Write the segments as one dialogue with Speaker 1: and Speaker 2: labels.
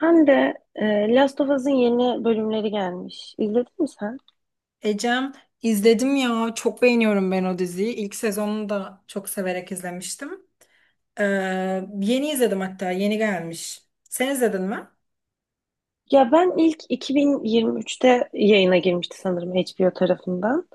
Speaker 1: Ben de Last of Us'ın yeni bölümleri gelmiş. İzledin mi sen?
Speaker 2: Ecem, izledim ya, çok beğeniyorum ben o diziyi. İlk sezonunu da çok severek izlemiştim. Ee, Yeni izledim, hatta yeni gelmiş. Sen izledin mi?
Speaker 1: Ya ben ilk 2023'te yayına girmişti sanırım HBO tarafından.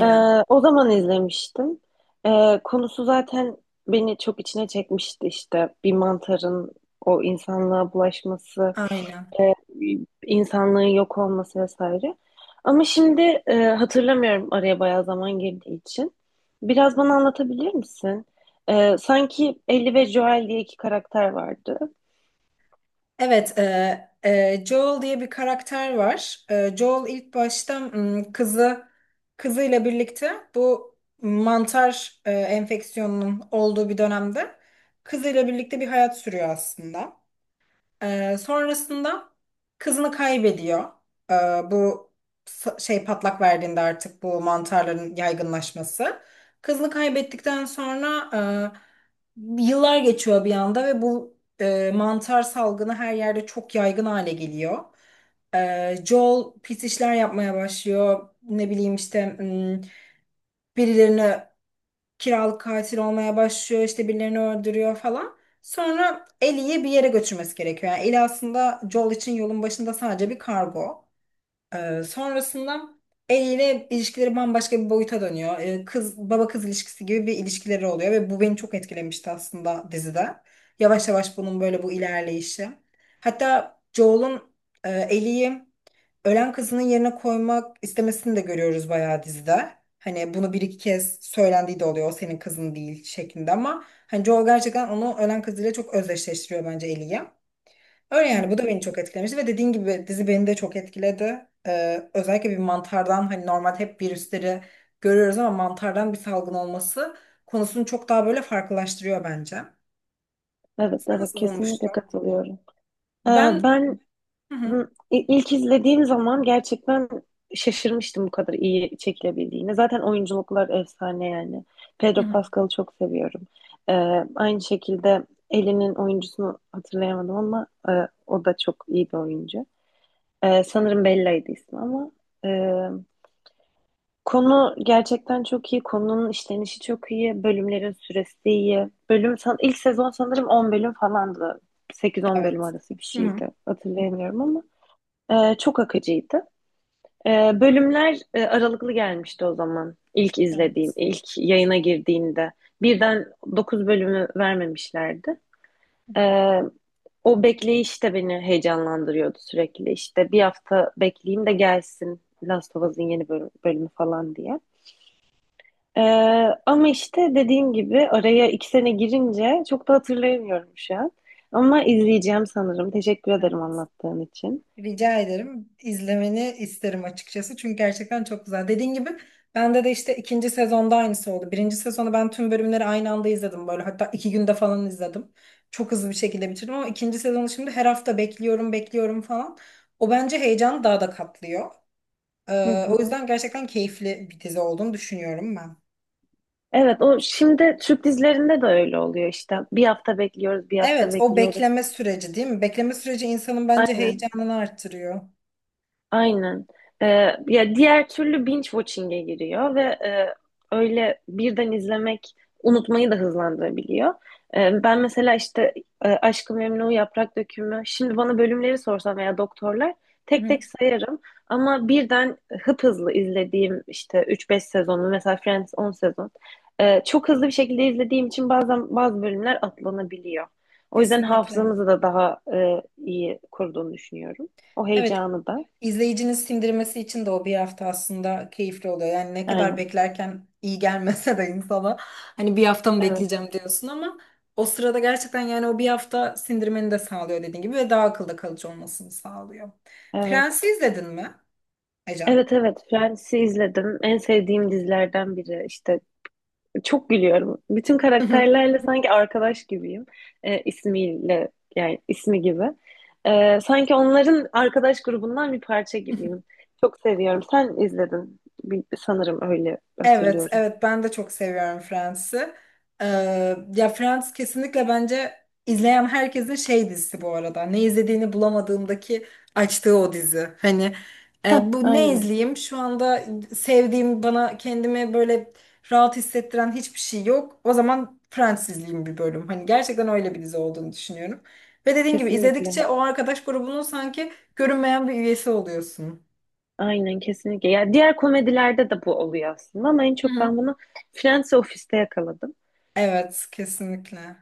Speaker 1: E, O zaman izlemiştim. Konusu zaten beni çok içine çekmişti işte. Bir mantarın o insanlığa bulaşması,
Speaker 2: Aynen.
Speaker 1: insanlığın yok olması vesaire. Ama şimdi hatırlamıyorum araya bayağı zaman girdiği için. Biraz bana anlatabilir misin? Sanki Ellie ve Joel diye iki karakter vardı.
Speaker 2: Evet, Joel diye bir karakter var. Joel ilk başta kızıyla birlikte bu mantar enfeksiyonunun olduğu bir dönemde kızıyla birlikte bir hayat sürüyor aslında. Sonrasında kızını kaybediyor. Ee, bu Şey, patlak verdiğinde artık bu mantarların yaygınlaşması. Kızını kaybettikten sonra yıllar geçiyor bir anda ve bu mantar salgını her yerde çok yaygın hale geliyor. Joel pis işler yapmaya başlıyor. Ne bileyim işte, birilerini kiralık katil olmaya başlıyor, işte birilerini öldürüyor falan. Sonra Ellie'yi bir yere götürmesi gerekiyor. Yani Ellie aslında Joel için yolun başında sadece bir kargo. Sonrasında Ellie ile ilişkileri bambaşka bir boyuta dönüyor. Kız, baba kız ilişkisi gibi bir ilişkileri oluyor ve bu beni çok etkilemişti aslında dizide. Yavaş yavaş bunun böyle bu ilerleyişi. Hatta Joel'un Ellie'yi ölen kızının yerine koymak istemesini de görüyoruz bayağı dizide. Hani bunu bir iki kez söylendiği de oluyor. O senin kızın değil şeklinde, ama hani Joel gerçekten onu ölen kızıyla çok özdeşleştiriyor bence, Ellie'yi. Öyle
Speaker 1: Hı
Speaker 2: yani, bu da
Speaker 1: hı.
Speaker 2: beni çok etkilemişti ve dediğin gibi dizi beni de çok etkiledi. Özellikle bir mantardan, hani normal hep virüsleri görüyoruz ama mantardan bir salgın olması konusunu çok daha böyle farklılaştırıyor bence.
Speaker 1: Evet,
Speaker 2: Sen
Speaker 1: evet,
Speaker 2: nasıl
Speaker 1: kesinlikle
Speaker 2: bulmuştun?
Speaker 1: katılıyorum. E,
Speaker 2: Ben.
Speaker 1: ben
Speaker 2: Hı hı,
Speaker 1: İlk izlediğim zaman gerçekten şaşırmıştım bu kadar iyi çekilebildiğine. Zaten oyunculuklar efsane yani.
Speaker 2: hı
Speaker 1: Pedro
Speaker 2: hı.
Speaker 1: Pascal'ı çok seviyorum. Ee, Aynı şekilde Ellie'nin oyuncusunu hatırlayamadım ama o da çok iyi bir oyuncu. Sanırım Bella'ydı ismi ama e, konu gerçekten çok iyi. Konunun işlenişi çok iyi. Bölümlerin süresi iyi. Bölüm san ilk sezon sanırım 10 bölüm falandı. 8-10 bölüm
Speaker 2: Evet.
Speaker 1: arası bir
Speaker 2: Hı hı.
Speaker 1: şeydi. Hatırlayamıyorum ama. Çok akıcıydı. Bölümler aralıklı gelmişti o zaman.
Speaker 2: Evet.
Speaker 1: İlk yayına girdiğinde. Birden 9 bölümü vermemişlerdi. Ee, O bekleyiş de beni heyecanlandırıyordu sürekli. İşte bir hafta bekleyeyim de gelsin Last of Us'ın bölümü falan diye. Ee, Ama işte dediğim gibi araya iki sene girince çok da hatırlayamıyorum şu an. Ama izleyeceğim sanırım. Teşekkür ederim
Speaker 2: Evet.
Speaker 1: anlattığın için.
Speaker 2: Rica ederim. İzlemeni isterim açıkçası. Çünkü gerçekten çok güzel. Dediğin gibi bende de işte ikinci sezonda aynısı oldu. Birinci sezonu ben tüm bölümleri aynı anda izledim böyle. Hatta iki günde falan izledim. Çok hızlı bir şekilde bitirdim ama ikinci sezonu şimdi her hafta bekliyorum, bekliyorum falan. O bence heyecanı daha da katlıyor.
Speaker 1: Hı
Speaker 2: O
Speaker 1: hı.
Speaker 2: yüzden gerçekten keyifli bir dizi olduğunu düşünüyorum ben.
Speaker 1: Evet, o şimdi Türk dizilerinde de öyle oluyor işte. Bir hafta bekliyoruz, bir hafta
Speaker 2: Evet, o
Speaker 1: bekliyoruz.
Speaker 2: bekleme süreci değil mi? Bekleme süreci insanın bence
Speaker 1: Aynen.
Speaker 2: heyecanını arttırıyor.
Speaker 1: Aynen. Ee, Ya diğer türlü binge watching'e giriyor ve öyle birden izlemek unutmayı da hızlandırabiliyor. Ben mesela işte Aşk-ı Memnu, Yaprak Dökümü, şimdi bana bölümleri sorsam veya doktorlar
Speaker 2: Hı
Speaker 1: tek
Speaker 2: hı,
Speaker 1: tek sayarım ama birden hıp hızlı izlediğim işte üç beş sezonu mesela Friends 10 sezon çok hızlı bir şekilde izlediğim için bazen bazı bölümler atlanabiliyor. O yüzden
Speaker 2: kesinlikle.
Speaker 1: hafızamızı da daha iyi koruduğunu düşünüyorum. O
Speaker 2: Evet,
Speaker 1: heyecanı da.
Speaker 2: izleyicinin sindirmesi için de o bir hafta aslında keyifli oluyor. Yani ne kadar
Speaker 1: Aynen.
Speaker 2: beklerken iyi gelmese de insana, hani bir hafta mı
Speaker 1: Evet,
Speaker 2: bekleyeceğim diyorsun, ama o sırada gerçekten yani o bir hafta sindirmeni de sağlıyor dediğin gibi ve daha akılda kalıcı olmasını sağlıyor.
Speaker 1: evet.
Speaker 2: Prens'i izledin mi Ecem?
Speaker 1: Evet, evet, Friends'i izledim. En sevdiğim dizilerden biri. İşte çok gülüyorum. Bütün karakterlerle sanki arkadaş gibiyim. İsmiyle yani ismi gibi. Sanki onların arkadaş grubundan bir parça gibiyim. Çok seviyorum. Sen izledin. Sanırım öyle
Speaker 2: Evet,
Speaker 1: hatırlıyorum.
Speaker 2: evet, ben de çok seviyorum Friends'i. Ya, Friends kesinlikle bence izleyen herkesin şey dizisi bu arada. Ne izlediğini bulamadığındaki açtığı o dizi. Hani
Speaker 1: Heh,
Speaker 2: bu, ne
Speaker 1: aynen.
Speaker 2: izleyeyim? Şu anda sevdiğim, bana kendimi böyle rahat hissettiren hiçbir şey yok. O zaman Friends izleyeyim bir bölüm. Hani gerçekten öyle bir dizi olduğunu düşünüyorum. Ve dediğin gibi izledikçe
Speaker 1: Kesinlikle.
Speaker 2: o arkadaş grubunun sanki görünmeyen bir üyesi oluyorsun.
Speaker 1: Aynen, kesinlikle. Ya diğer komedilerde de bu oluyor aslında ama en
Speaker 2: Hı
Speaker 1: çok ben
Speaker 2: hı.
Speaker 1: bunu Friends ve Office'te yakaladım.
Speaker 2: Evet, kesinlikle.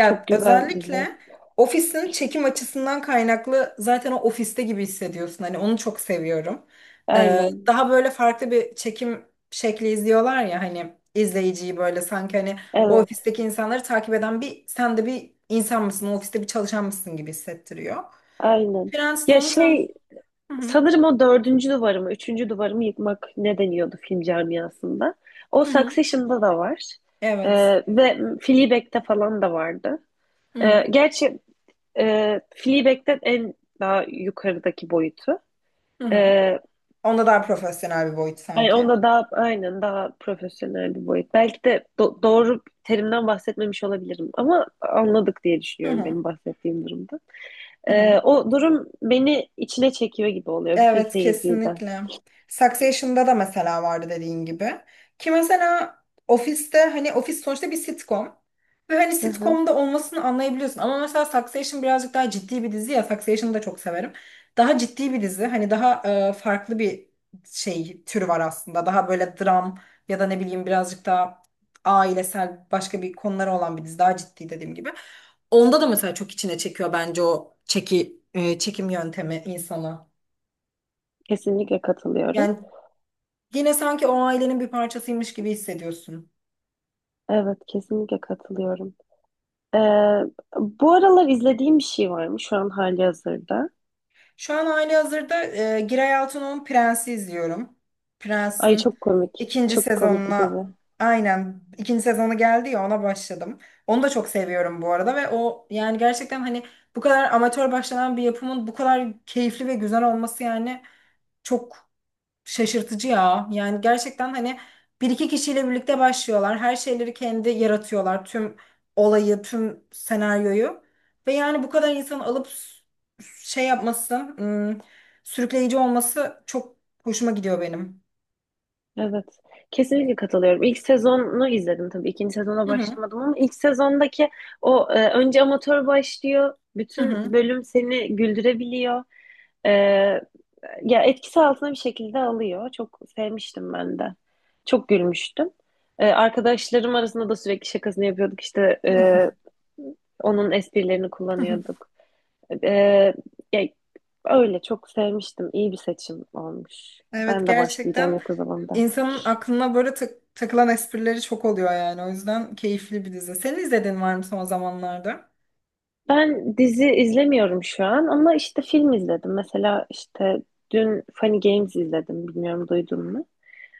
Speaker 1: Çok güzel diziler.
Speaker 2: özellikle ofisin çekim açısından kaynaklı zaten o ofiste gibi hissediyorsun. Hani onu çok seviyorum.
Speaker 1: Aynen.
Speaker 2: Daha böyle farklı bir çekim şekli izliyorlar ya, hani izleyiciyi böyle sanki hani o
Speaker 1: Evet,
Speaker 2: ofisteki insanları takip eden bir, sen de bir insan mısın, o ofiste bir çalışan mısın gibi hissettiriyor.
Speaker 1: aynen.
Speaker 2: Prens de
Speaker 1: Ya
Speaker 2: onu tam.
Speaker 1: şey,
Speaker 2: Hı hı,
Speaker 1: sanırım o dördüncü duvarımı, üçüncü duvarımı yıkmak ne deniyordu film camiasında. O
Speaker 2: hı hı,
Speaker 1: Succession'da da var.
Speaker 2: evet.
Speaker 1: Ve Fleabag'de falan da vardı.
Speaker 2: Hı hı,
Speaker 1: Gerçi Fleabag'den en daha yukarıdaki boyutu.
Speaker 2: hı hı.
Speaker 1: Ee,
Speaker 2: Onda daha profesyonel bir boyut
Speaker 1: Yani
Speaker 2: sanki.
Speaker 1: onda daha, aynen, daha profesyonel bir boyut. Belki de doğru terimden bahsetmemiş olabilirim ama anladık diye
Speaker 2: Hı
Speaker 1: düşünüyorum
Speaker 2: hı,
Speaker 1: benim bahsettiğim durumda.
Speaker 2: hı hı.
Speaker 1: O durum beni içine çekiyor gibi oluyor bütün
Speaker 2: Evet,
Speaker 1: seyirciyi de.
Speaker 2: kesinlikle. Succession'da da mesela vardı dediğin gibi. Ki mesela ofiste, hani ofis sonuçta bir sitcom. Ve hani
Speaker 1: Hı hı.
Speaker 2: sitcom'da olmasını anlayabiliyorsun. Ama mesela Succession birazcık daha ciddi bir dizi ya. Succession'ı da çok severim. Daha ciddi bir dizi. Hani daha farklı bir şey türü var aslında. Daha böyle dram ya da ne bileyim birazcık daha ailesel, başka bir konuları olan bir dizi. Daha ciddi, dediğim gibi. Onda da mesela çok içine çekiyor bence o çekim yöntemi insana.
Speaker 1: Kesinlikle katılıyorum.
Speaker 2: Yani yine sanki o ailenin bir parçasıymış gibi hissediyorsun.
Speaker 1: Evet, kesinlikle katılıyorum. Ee, Bu aralar izlediğim bir şey var mı şu an hali hazırda?
Speaker 2: Şu an halihazırda Giray Altun'un Prens'i izliyorum.
Speaker 1: Ay,
Speaker 2: Prens'in
Speaker 1: çok komik.
Speaker 2: ikinci
Speaker 1: Çok komik bir
Speaker 2: sezonuna,
Speaker 1: dizi.
Speaker 2: aynen, ikinci sezonu geldi ya, ona başladım. Onu da çok seviyorum bu arada ve o yani gerçekten, hani bu kadar amatör başlanan bir yapımın bu kadar keyifli ve güzel olması yani çok şaşırtıcı ya. Yani gerçekten hani bir iki kişiyle birlikte başlıyorlar. Her şeyleri kendi yaratıyorlar. Tüm olayı, tüm senaryoyu. Ve yani bu kadar insan alıp şey yapması, sürükleyici olması çok hoşuma gidiyor benim.
Speaker 1: Evet. Kesinlikle katılıyorum. İlk sezonu izledim tabii. İkinci sezona
Speaker 2: Hı hı.
Speaker 1: başlamadım ama ilk sezondaki o önce amatör başlıyor.
Speaker 2: Hı
Speaker 1: Bütün
Speaker 2: hı.
Speaker 1: bölüm seni güldürebiliyor. Ee, Ya etkisi altına bir şekilde alıyor. Çok sevmiştim ben de. Çok gülmüştüm. Arkadaşlarım arasında da sürekli şakasını yapıyorduk. İşte onun esprilerini kullanıyorduk. Ee, ya, Öyle çok sevmiştim. İyi bir seçim olmuş.
Speaker 2: Evet,
Speaker 1: Ben de başlayacağım
Speaker 2: gerçekten
Speaker 1: yakın zamanda.
Speaker 2: insanın aklına böyle takılan esprileri çok oluyor yani. O yüzden keyifli bir dizi. Senin izlediğin var mı son zamanlarda?
Speaker 1: Ben dizi izlemiyorum şu an ama işte film izledim. Mesela işte dün Funny Games izledim. Bilmiyorum, duydun mu?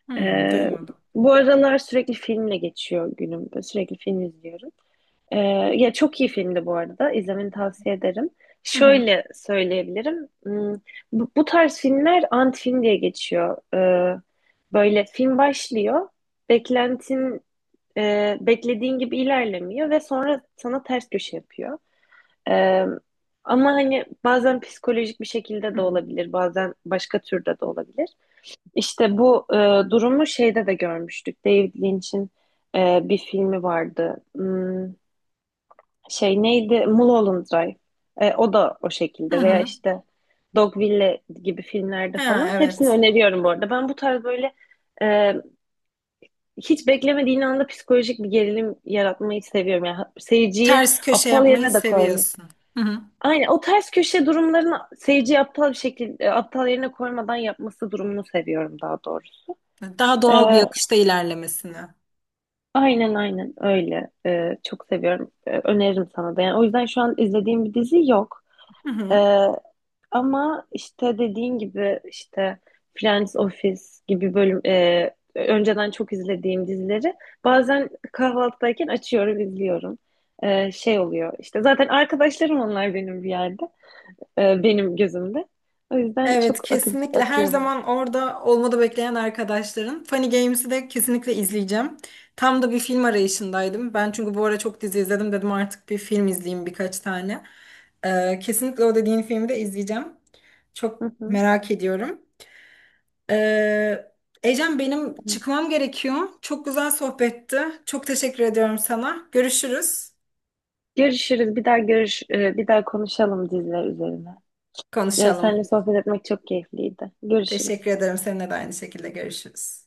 Speaker 2: Hmm,
Speaker 1: Ee,
Speaker 2: duymadım.
Speaker 1: Bu aralar sürekli filmle geçiyor günüm. Böyle sürekli film izliyorum. Ee, Ya çok iyi filmdi bu arada. İzlemeni tavsiye ederim.
Speaker 2: Hı hı.
Speaker 1: Şöyle söyleyebilirim. Bu tarz filmler ant film diye geçiyor. Böyle film başlıyor. Beklentin Beklediğin gibi ilerlemiyor ve sonra sana ters köşe yapıyor. Ee, Ama hani bazen psikolojik bir şekilde
Speaker 2: Hı
Speaker 1: de
Speaker 2: hı.
Speaker 1: olabilir, bazen başka türde de olabilir. İşte bu durumu şeyde de görmüştük. David Lynch'in bir filmi vardı. Şey, neydi? Mulholland Drive. E, o da o
Speaker 2: Hı
Speaker 1: şekilde veya
Speaker 2: hı.
Speaker 1: işte Dogville gibi filmlerde
Speaker 2: Ha,
Speaker 1: falan. Hepsini
Speaker 2: evet.
Speaker 1: öneriyorum bu arada. Ben bu tarz böyle e, hiç beklemediğin anda psikolojik bir gerilim yaratmayı seviyorum. Yani seyirciyi
Speaker 2: Ters köşe
Speaker 1: aptal
Speaker 2: yapmayı
Speaker 1: yerine de koymuyor.
Speaker 2: seviyorsun. Hı hı.
Speaker 1: Aynen, o ters köşe durumlarını seyirciyi aptal bir şekilde aptal yerine koymadan yapması durumunu seviyorum daha doğrusu.
Speaker 2: Daha doğal
Speaker 1: Ee,
Speaker 2: bir akışta ilerlemesini.
Speaker 1: Aynen, aynen öyle. Çok seviyorum. Öneririm sana da. Yani o yüzden şu an izlediğim bir dizi yok.
Speaker 2: Hı hı.
Speaker 1: Ee, Ama işte dediğin gibi işte Friends Office gibi önceden çok izlediğim dizileri bazen kahvaltıdayken açıyorum, izliyorum. Şey oluyor işte, zaten arkadaşlarım onlar benim bir yerde. Benim gözümde. O yüzden
Speaker 2: Evet,
Speaker 1: çok
Speaker 2: kesinlikle, her
Speaker 1: akıyorlar.
Speaker 2: zaman orada olmadı bekleyen arkadaşların. Funny Games'i de kesinlikle izleyeceğim. Tam da bir film arayışındaydım. Ben çünkü bu ara çok dizi izledim, dedim artık bir film izleyeyim birkaç tane. Kesinlikle o dediğin filmi de izleyeceğim. Çok
Speaker 1: Hı hı.
Speaker 2: merak ediyorum. Ee, Ecem, benim çıkmam gerekiyor. Çok güzel sohbetti. Çok teşekkür ediyorum sana. Görüşürüz.
Speaker 1: Görüşürüz. Bir daha konuşalım diziler üzerine. Seninle
Speaker 2: Konuşalım.
Speaker 1: sohbet etmek çok keyifliydi. Görüşürüz.
Speaker 2: Teşekkür ederim. Seninle de aynı şekilde, görüşürüz.